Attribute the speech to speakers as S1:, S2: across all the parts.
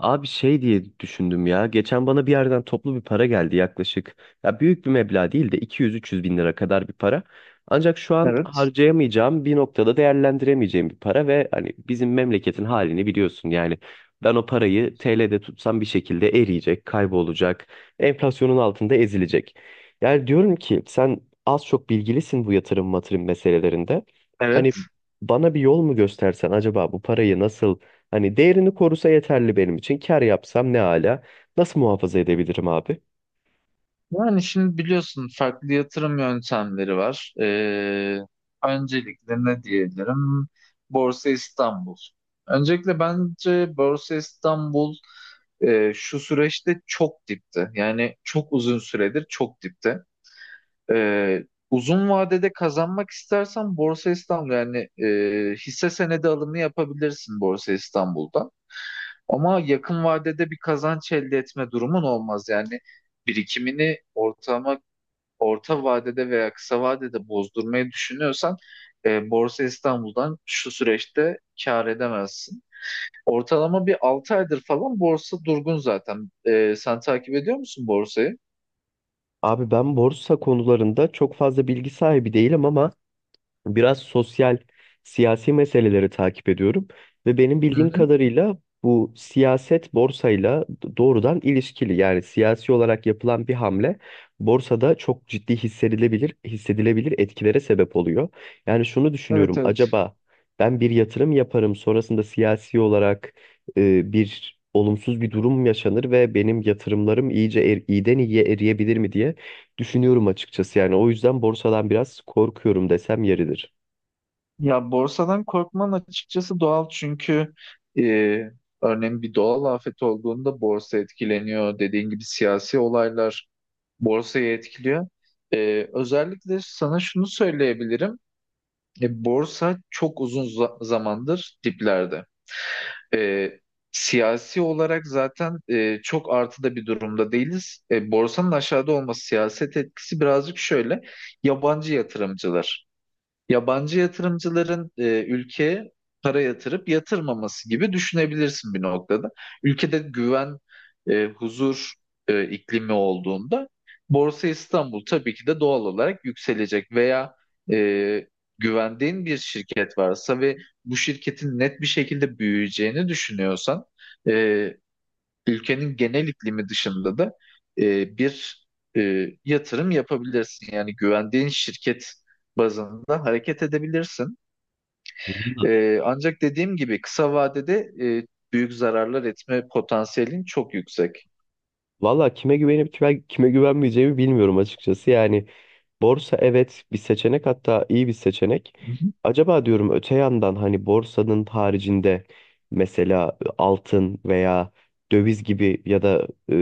S1: Abi şey diye düşündüm ya. Geçen bana bir yerden toplu bir para geldi yaklaşık. Ya büyük bir meblağ değil de 200-300 bin lira kadar bir para. Ancak şu an
S2: Evet,
S1: harcayamayacağım bir noktada değerlendiremeyeceğim bir para ve hani bizim memleketin halini biliyorsun. Yani ben o parayı TL'de tutsam bir şekilde eriyecek, kaybolacak, enflasyonun altında ezilecek. Yani diyorum ki sen az çok bilgilisin bu yatırım matırım meselelerinde. Hani
S2: evet.
S1: bana bir yol mu göstersen acaba bu parayı nasıl. Hani değerini korusa yeterli benim için. Kar yapsam ne ala. Nasıl muhafaza edebilirim abi?
S2: Yani şimdi biliyorsun farklı yatırım yöntemleri var. Öncelikle ne diyebilirim? Borsa İstanbul. Öncelikle bence Borsa İstanbul şu süreçte çok dipte. Yani çok uzun süredir çok dipte. Ee, uzun vadede kazanmak istersen Borsa İstanbul yani hisse senedi alımı yapabilirsin Borsa İstanbul'da. Ama yakın vadede bir kazanç elde etme durumun olmaz. Yani birikimini orta vadede veya kısa vadede bozdurmayı düşünüyorsan Borsa İstanbul'dan şu süreçte kâr edemezsin. Ortalama bir 6 aydır falan borsa durgun zaten. Sen takip ediyor musun borsayı?
S1: Abi ben borsa konularında çok fazla bilgi sahibi değilim ama biraz sosyal, siyasi meseleleri takip ediyorum ve benim
S2: Hı
S1: bildiğim
S2: hı.
S1: kadarıyla bu siyaset borsayla doğrudan ilişkili. Yani siyasi olarak yapılan bir hamle borsada çok ciddi hissedilebilir etkilere sebep oluyor. Yani şunu
S2: Evet,
S1: düşünüyorum,
S2: evet.
S1: acaba ben bir yatırım yaparım, sonrasında siyasi olarak bir olumsuz bir durum yaşanır ve benim yatırımlarım iyiden iyiye eriyebilir mi diye düşünüyorum açıkçası. Yani o yüzden borsadan biraz korkuyorum desem yeridir.
S2: Ya borsadan korkman açıkçası doğal, çünkü e, örneğin bir doğal afet olduğunda borsa etkileniyor. Dediğin gibi siyasi olaylar borsayı etkiliyor. Özellikle sana şunu söyleyebilirim. Borsa çok uzun zamandır diplerde. Ee, siyasi olarak zaten çok artıda bir durumda değiliz. Borsanın aşağıda olması, siyaset etkisi birazcık şöyle. Yabancı yatırımcılar. Yabancı yatırımcıların ülkeye para yatırıp yatırmaması gibi düşünebilirsin bir noktada. Ülkede güven, huzur iklimi olduğunda Borsa İstanbul tabii ki de doğal olarak yükselecek, veya e, güvendiğin bir şirket varsa ve bu şirketin net bir şekilde büyüyeceğini düşünüyorsan e, ülkenin genel iklimi dışında da bir yatırım yapabilirsin. Yani güvendiğin şirket bazında hareket edebilirsin.
S1: Valla
S2: Ancak dediğim gibi kısa vadede e, büyük zararlar etme potansiyelin çok yüksek.
S1: valla kime güvenip kime güvenmeyeceğimi bilmiyorum açıkçası. Yani borsa, evet, bir seçenek, hatta iyi bir seçenek.
S2: Hı hı.
S1: Acaba diyorum öte yandan hani borsanın haricinde mesela altın veya döviz gibi ya da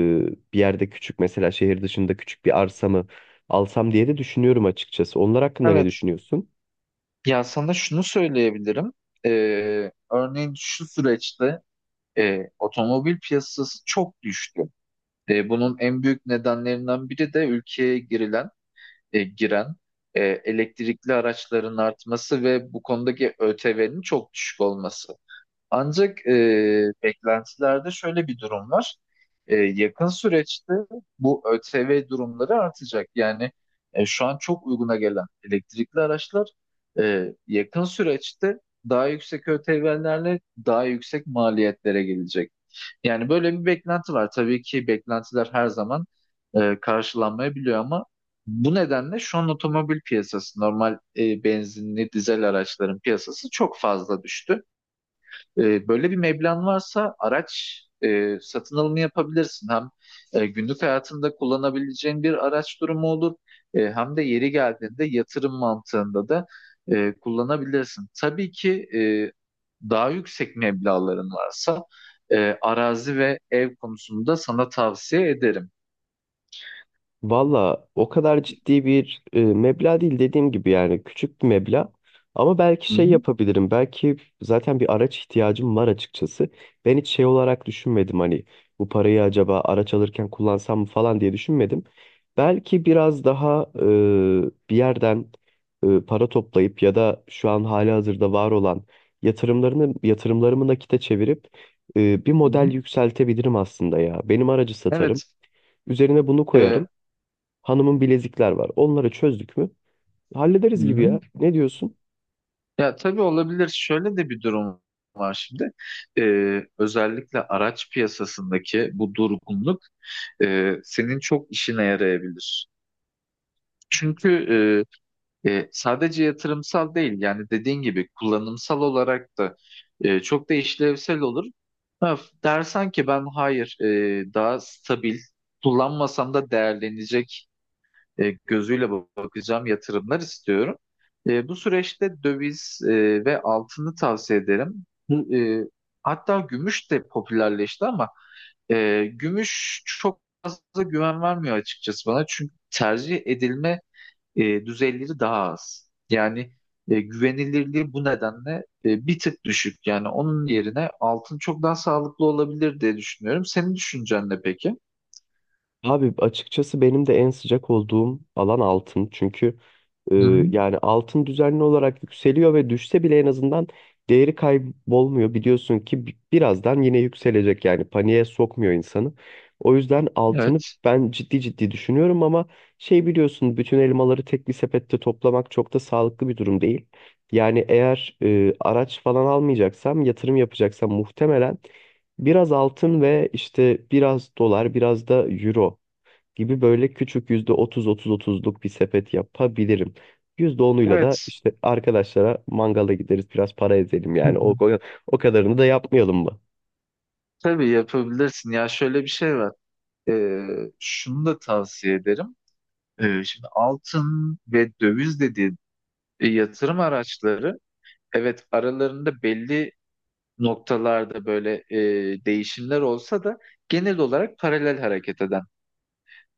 S1: bir yerde küçük, mesela şehir dışında küçük bir arsa mı alsam diye de düşünüyorum açıkçası. Onlar hakkında ne
S2: Evet.
S1: düşünüyorsun?
S2: Ya sana şunu söyleyebilirim. E, örneğin şu süreçte otomobil piyasası çok düştü. Bunun en büyük nedenlerinden biri de ülkeye giren elektrikli araçların artması ve bu konudaki ÖTV'nin çok düşük olması. Ancak beklentilerde şöyle bir durum var. Yakın süreçte bu ÖTV durumları artacak. Yani şu an çok uyguna gelen elektrikli araçlar yakın süreçte daha yüksek ÖTV'lerle daha yüksek maliyetlere gelecek. Yani böyle bir beklenti var. Tabii ki beklentiler her zaman karşılanmayabiliyor, ama bu nedenle şu an otomobil piyasası, normal benzinli dizel araçların piyasası çok fazla düştü. Böyle bir meblağın varsa araç satın alımı yapabilirsin. Hem günlük hayatında kullanabileceğin bir araç durumu olur. Hem de yeri geldiğinde yatırım mantığında da kullanabilirsin. Tabii ki daha yüksek meblağların varsa arazi ve ev konusunda sana tavsiye ederim.
S1: Valla o kadar ciddi bir meblağ değil, dediğim gibi, yani küçük bir meblağ. Ama belki
S2: Hı
S1: şey
S2: hı.
S1: yapabilirim. Belki zaten bir araç ihtiyacım var açıkçası. Ben hiç şey olarak düşünmedim, hani bu parayı acaba araç alırken kullansam mı falan diye düşünmedim. Belki biraz daha bir yerden para toplayıp ya da şu an hali hazırda var olan yatırımlarımı nakite çevirip bir
S2: Hı
S1: model
S2: hı.
S1: yükseltebilirim aslında ya. Benim aracı satarım.
S2: Evet.
S1: Üzerine bunu
S2: e,
S1: koyarım. Hanımın bilezikler var. Onları çözdük mü?
S2: Hı
S1: Hallederiz gibi
S2: hı.
S1: ya. Ne diyorsun?
S2: Ya tabii olabilir. Şöyle de bir durum var şimdi. Özellikle araç piyasasındaki bu durgunluk senin çok işine yarayabilir. Çünkü sadece yatırımsal değil, yani dediğin gibi kullanımsal olarak da çok da işlevsel olur. Ha, dersen ki ben hayır, daha stabil kullanmasam da değerlenecek gözüyle bakacağım yatırımlar istiyorum. Bu süreçte döviz ve altını tavsiye ederim. Hatta gümüş de popülerleşti, ama gümüş çok fazla güven vermiyor açıkçası bana. Çünkü tercih edilme düzeyleri daha az. Yani güvenilirliği bu nedenle bir tık düşük. Yani onun yerine altın çok daha sağlıklı olabilir diye düşünüyorum. Senin düşüncen ne peki?
S1: Abi açıkçası benim de en sıcak olduğum alan altın. Çünkü e,
S2: Hı hı.
S1: yani altın düzenli olarak yükseliyor ve düşse bile en azından değeri kaybolmuyor. Biliyorsun ki birazdan yine yükselecek, yani paniğe sokmuyor insanı. O yüzden altını
S2: Evet.
S1: ben ciddi ciddi düşünüyorum ama şey biliyorsun, bütün elmaları tek bir sepette toplamak çok da sağlıklı bir durum değil. Yani eğer araç falan almayacaksam, yatırım yapacaksam muhtemelen biraz altın ve işte biraz dolar, biraz da euro gibi, böyle küçük, %30 %30 %30'luk bir sepet yapabilirim. %10'uyla da
S2: Evet.
S1: işte arkadaşlara mangala gideriz, biraz para ezelim yani. O kadarını da yapmayalım mı?
S2: Tabii yapabilirsin. Ya şöyle bir şey var. Ee, şunu da tavsiye ederim. Şimdi altın ve döviz dediği yatırım araçları, evet, aralarında belli noktalarda böyle değişimler olsa da genel olarak paralel hareket eden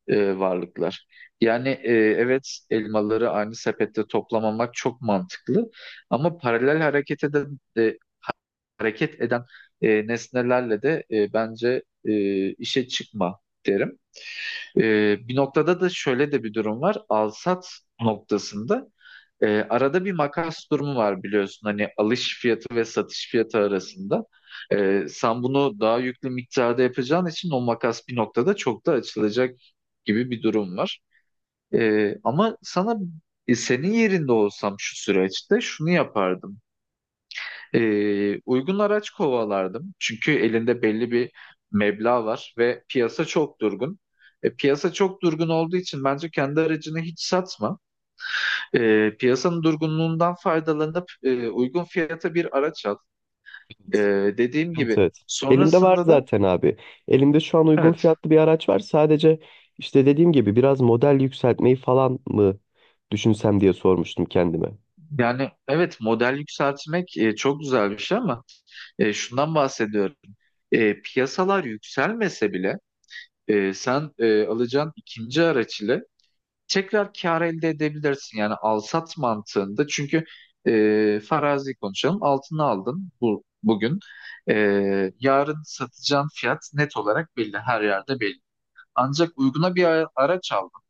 S2: varlıklar. Yani evet, elmaları aynı sepette toplamamak çok mantıklı, ama paralel hareket eden nesnelerle de bence işe çıkma derim. Bir noktada da şöyle de bir durum var. Alsat noktasında arada bir makas durumu var biliyorsun. Hani alış fiyatı ve satış fiyatı arasında. Sen bunu daha yüklü miktarda yapacağın için o makas bir noktada çok da açılacak gibi bir durum var. Ama sana senin yerinde olsam şu süreçte şunu yapardım. Uygun araç kovalardım. Çünkü elinde belli bir meblağ var ve piyasa çok durgun. Piyasa çok durgun olduğu için bence kendi aracını hiç satma. Piyasanın durgunluğundan faydalanıp uygun fiyata bir araç al. E, dediğim
S1: Evet.
S2: gibi
S1: evet. Elimde var
S2: sonrasında da
S1: zaten abi. Elimde şu an uygun
S2: evet.
S1: fiyatlı bir araç var. Sadece işte, dediğim gibi, biraz model yükseltmeyi falan mı düşünsem diye sormuştum kendime.
S2: Yani evet, model yükseltmek çok güzel bir şey, ama şundan bahsediyorum. Piyasalar yükselmese bile sen alacağın ikinci araç ile tekrar kar elde edebilirsin. Yani al-sat mantığında, çünkü farazi konuşalım, altını aldın bugün. E, yarın satacağın fiyat net olarak belli, her yerde belli. Ancak uyguna bir araç aldın.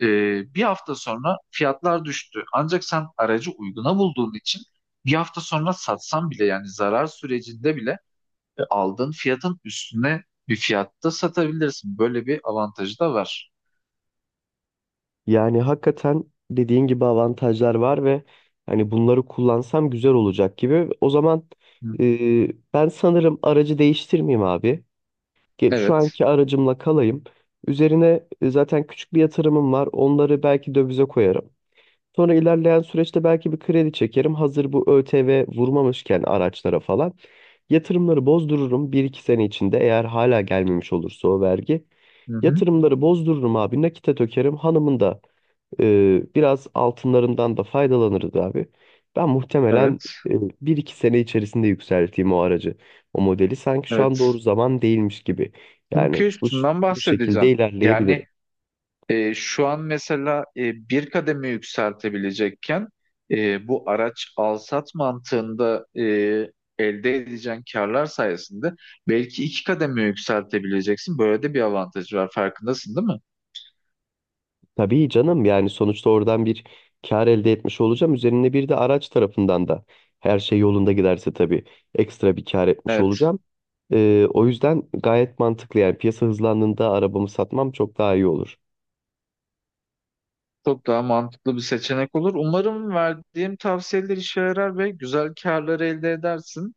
S2: E, bir hafta sonra fiyatlar düştü. Ancak sen aracı uyguna bulduğun için bir hafta sonra satsan bile, yani zarar sürecinde bile aldığın fiyatın üstüne bir fiyatta satabilirsin. Böyle bir avantajı da var.
S1: Yani hakikaten dediğin gibi avantajlar var ve hani bunları kullansam güzel olacak gibi. O zaman
S2: Hı.
S1: ben sanırım aracı değiştirmeyeyim abi. Şu
S2: Evet.
S1: anki aracımla kalayım. Üzerine zaten küçük bir yatırımım var. Onları belki dövize koyarım. Sonra ilerleyen süreçte belki bir kredi çekerim, hazır bu ÖTV vurmamışken araçlara falan. Yatırımları bozdururum. Bir iki sene içinde eğer hala gelmemiş olursa o vergi.
S2: Hı hı.
S1: Yatırımları bozdururum abi, nakite dökerim. Hanımın da biraz altınlarından da faydalanırız abi. Ben muhtemelen
S2: Evet.
S1: e, bir iki sene içerisinde yükselteyim o aracı. O modeli, sanki şu an doğru
S2: Evet.
S1: zaman değilmiş gibi. Yani
S2: Çünkü üstünden
S1: bu şekilde
S2: bahsedeceğim. Yani
S1: ilerleyebilirim.
S2: şu an mesela bir kademe yükseltebilecekken bu araç alsat mantığında elde edeceğin karlar sayesinde belki iki kademe yükseltebileceksin. Böyle de bir avantajı var. Farkındasın değil mi?
S1: Tabii canım, yani sonuçta oradan bir kar elde etmiş olacağım. Üzerine bir de araç tarafından da, her şey yolunda giderse tabii, ekstra bir kar etmiş
S2: Evet.
S1: olacağım. O yüzden gayet mantıklı, yani piyasa hızlandığında arabamı satmam çok daha iyi olur.
S2: Çok daha mantıklı bir seçenek olur. Umarım verdiğim tavsiyeler işe yarar ve güzel karlar elde edersin.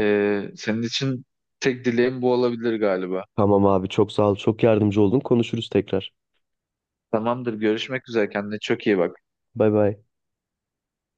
S2: Senin için tek dileğim bu olabilir galiba.
S1: Tamam abi, çok sağ ol, çok yardımcı oldun, konuşuruz tekrar.
S2: Tamamdır. Görüşmek üzere. Kendine çok iyi bak.
S1: Bay bay.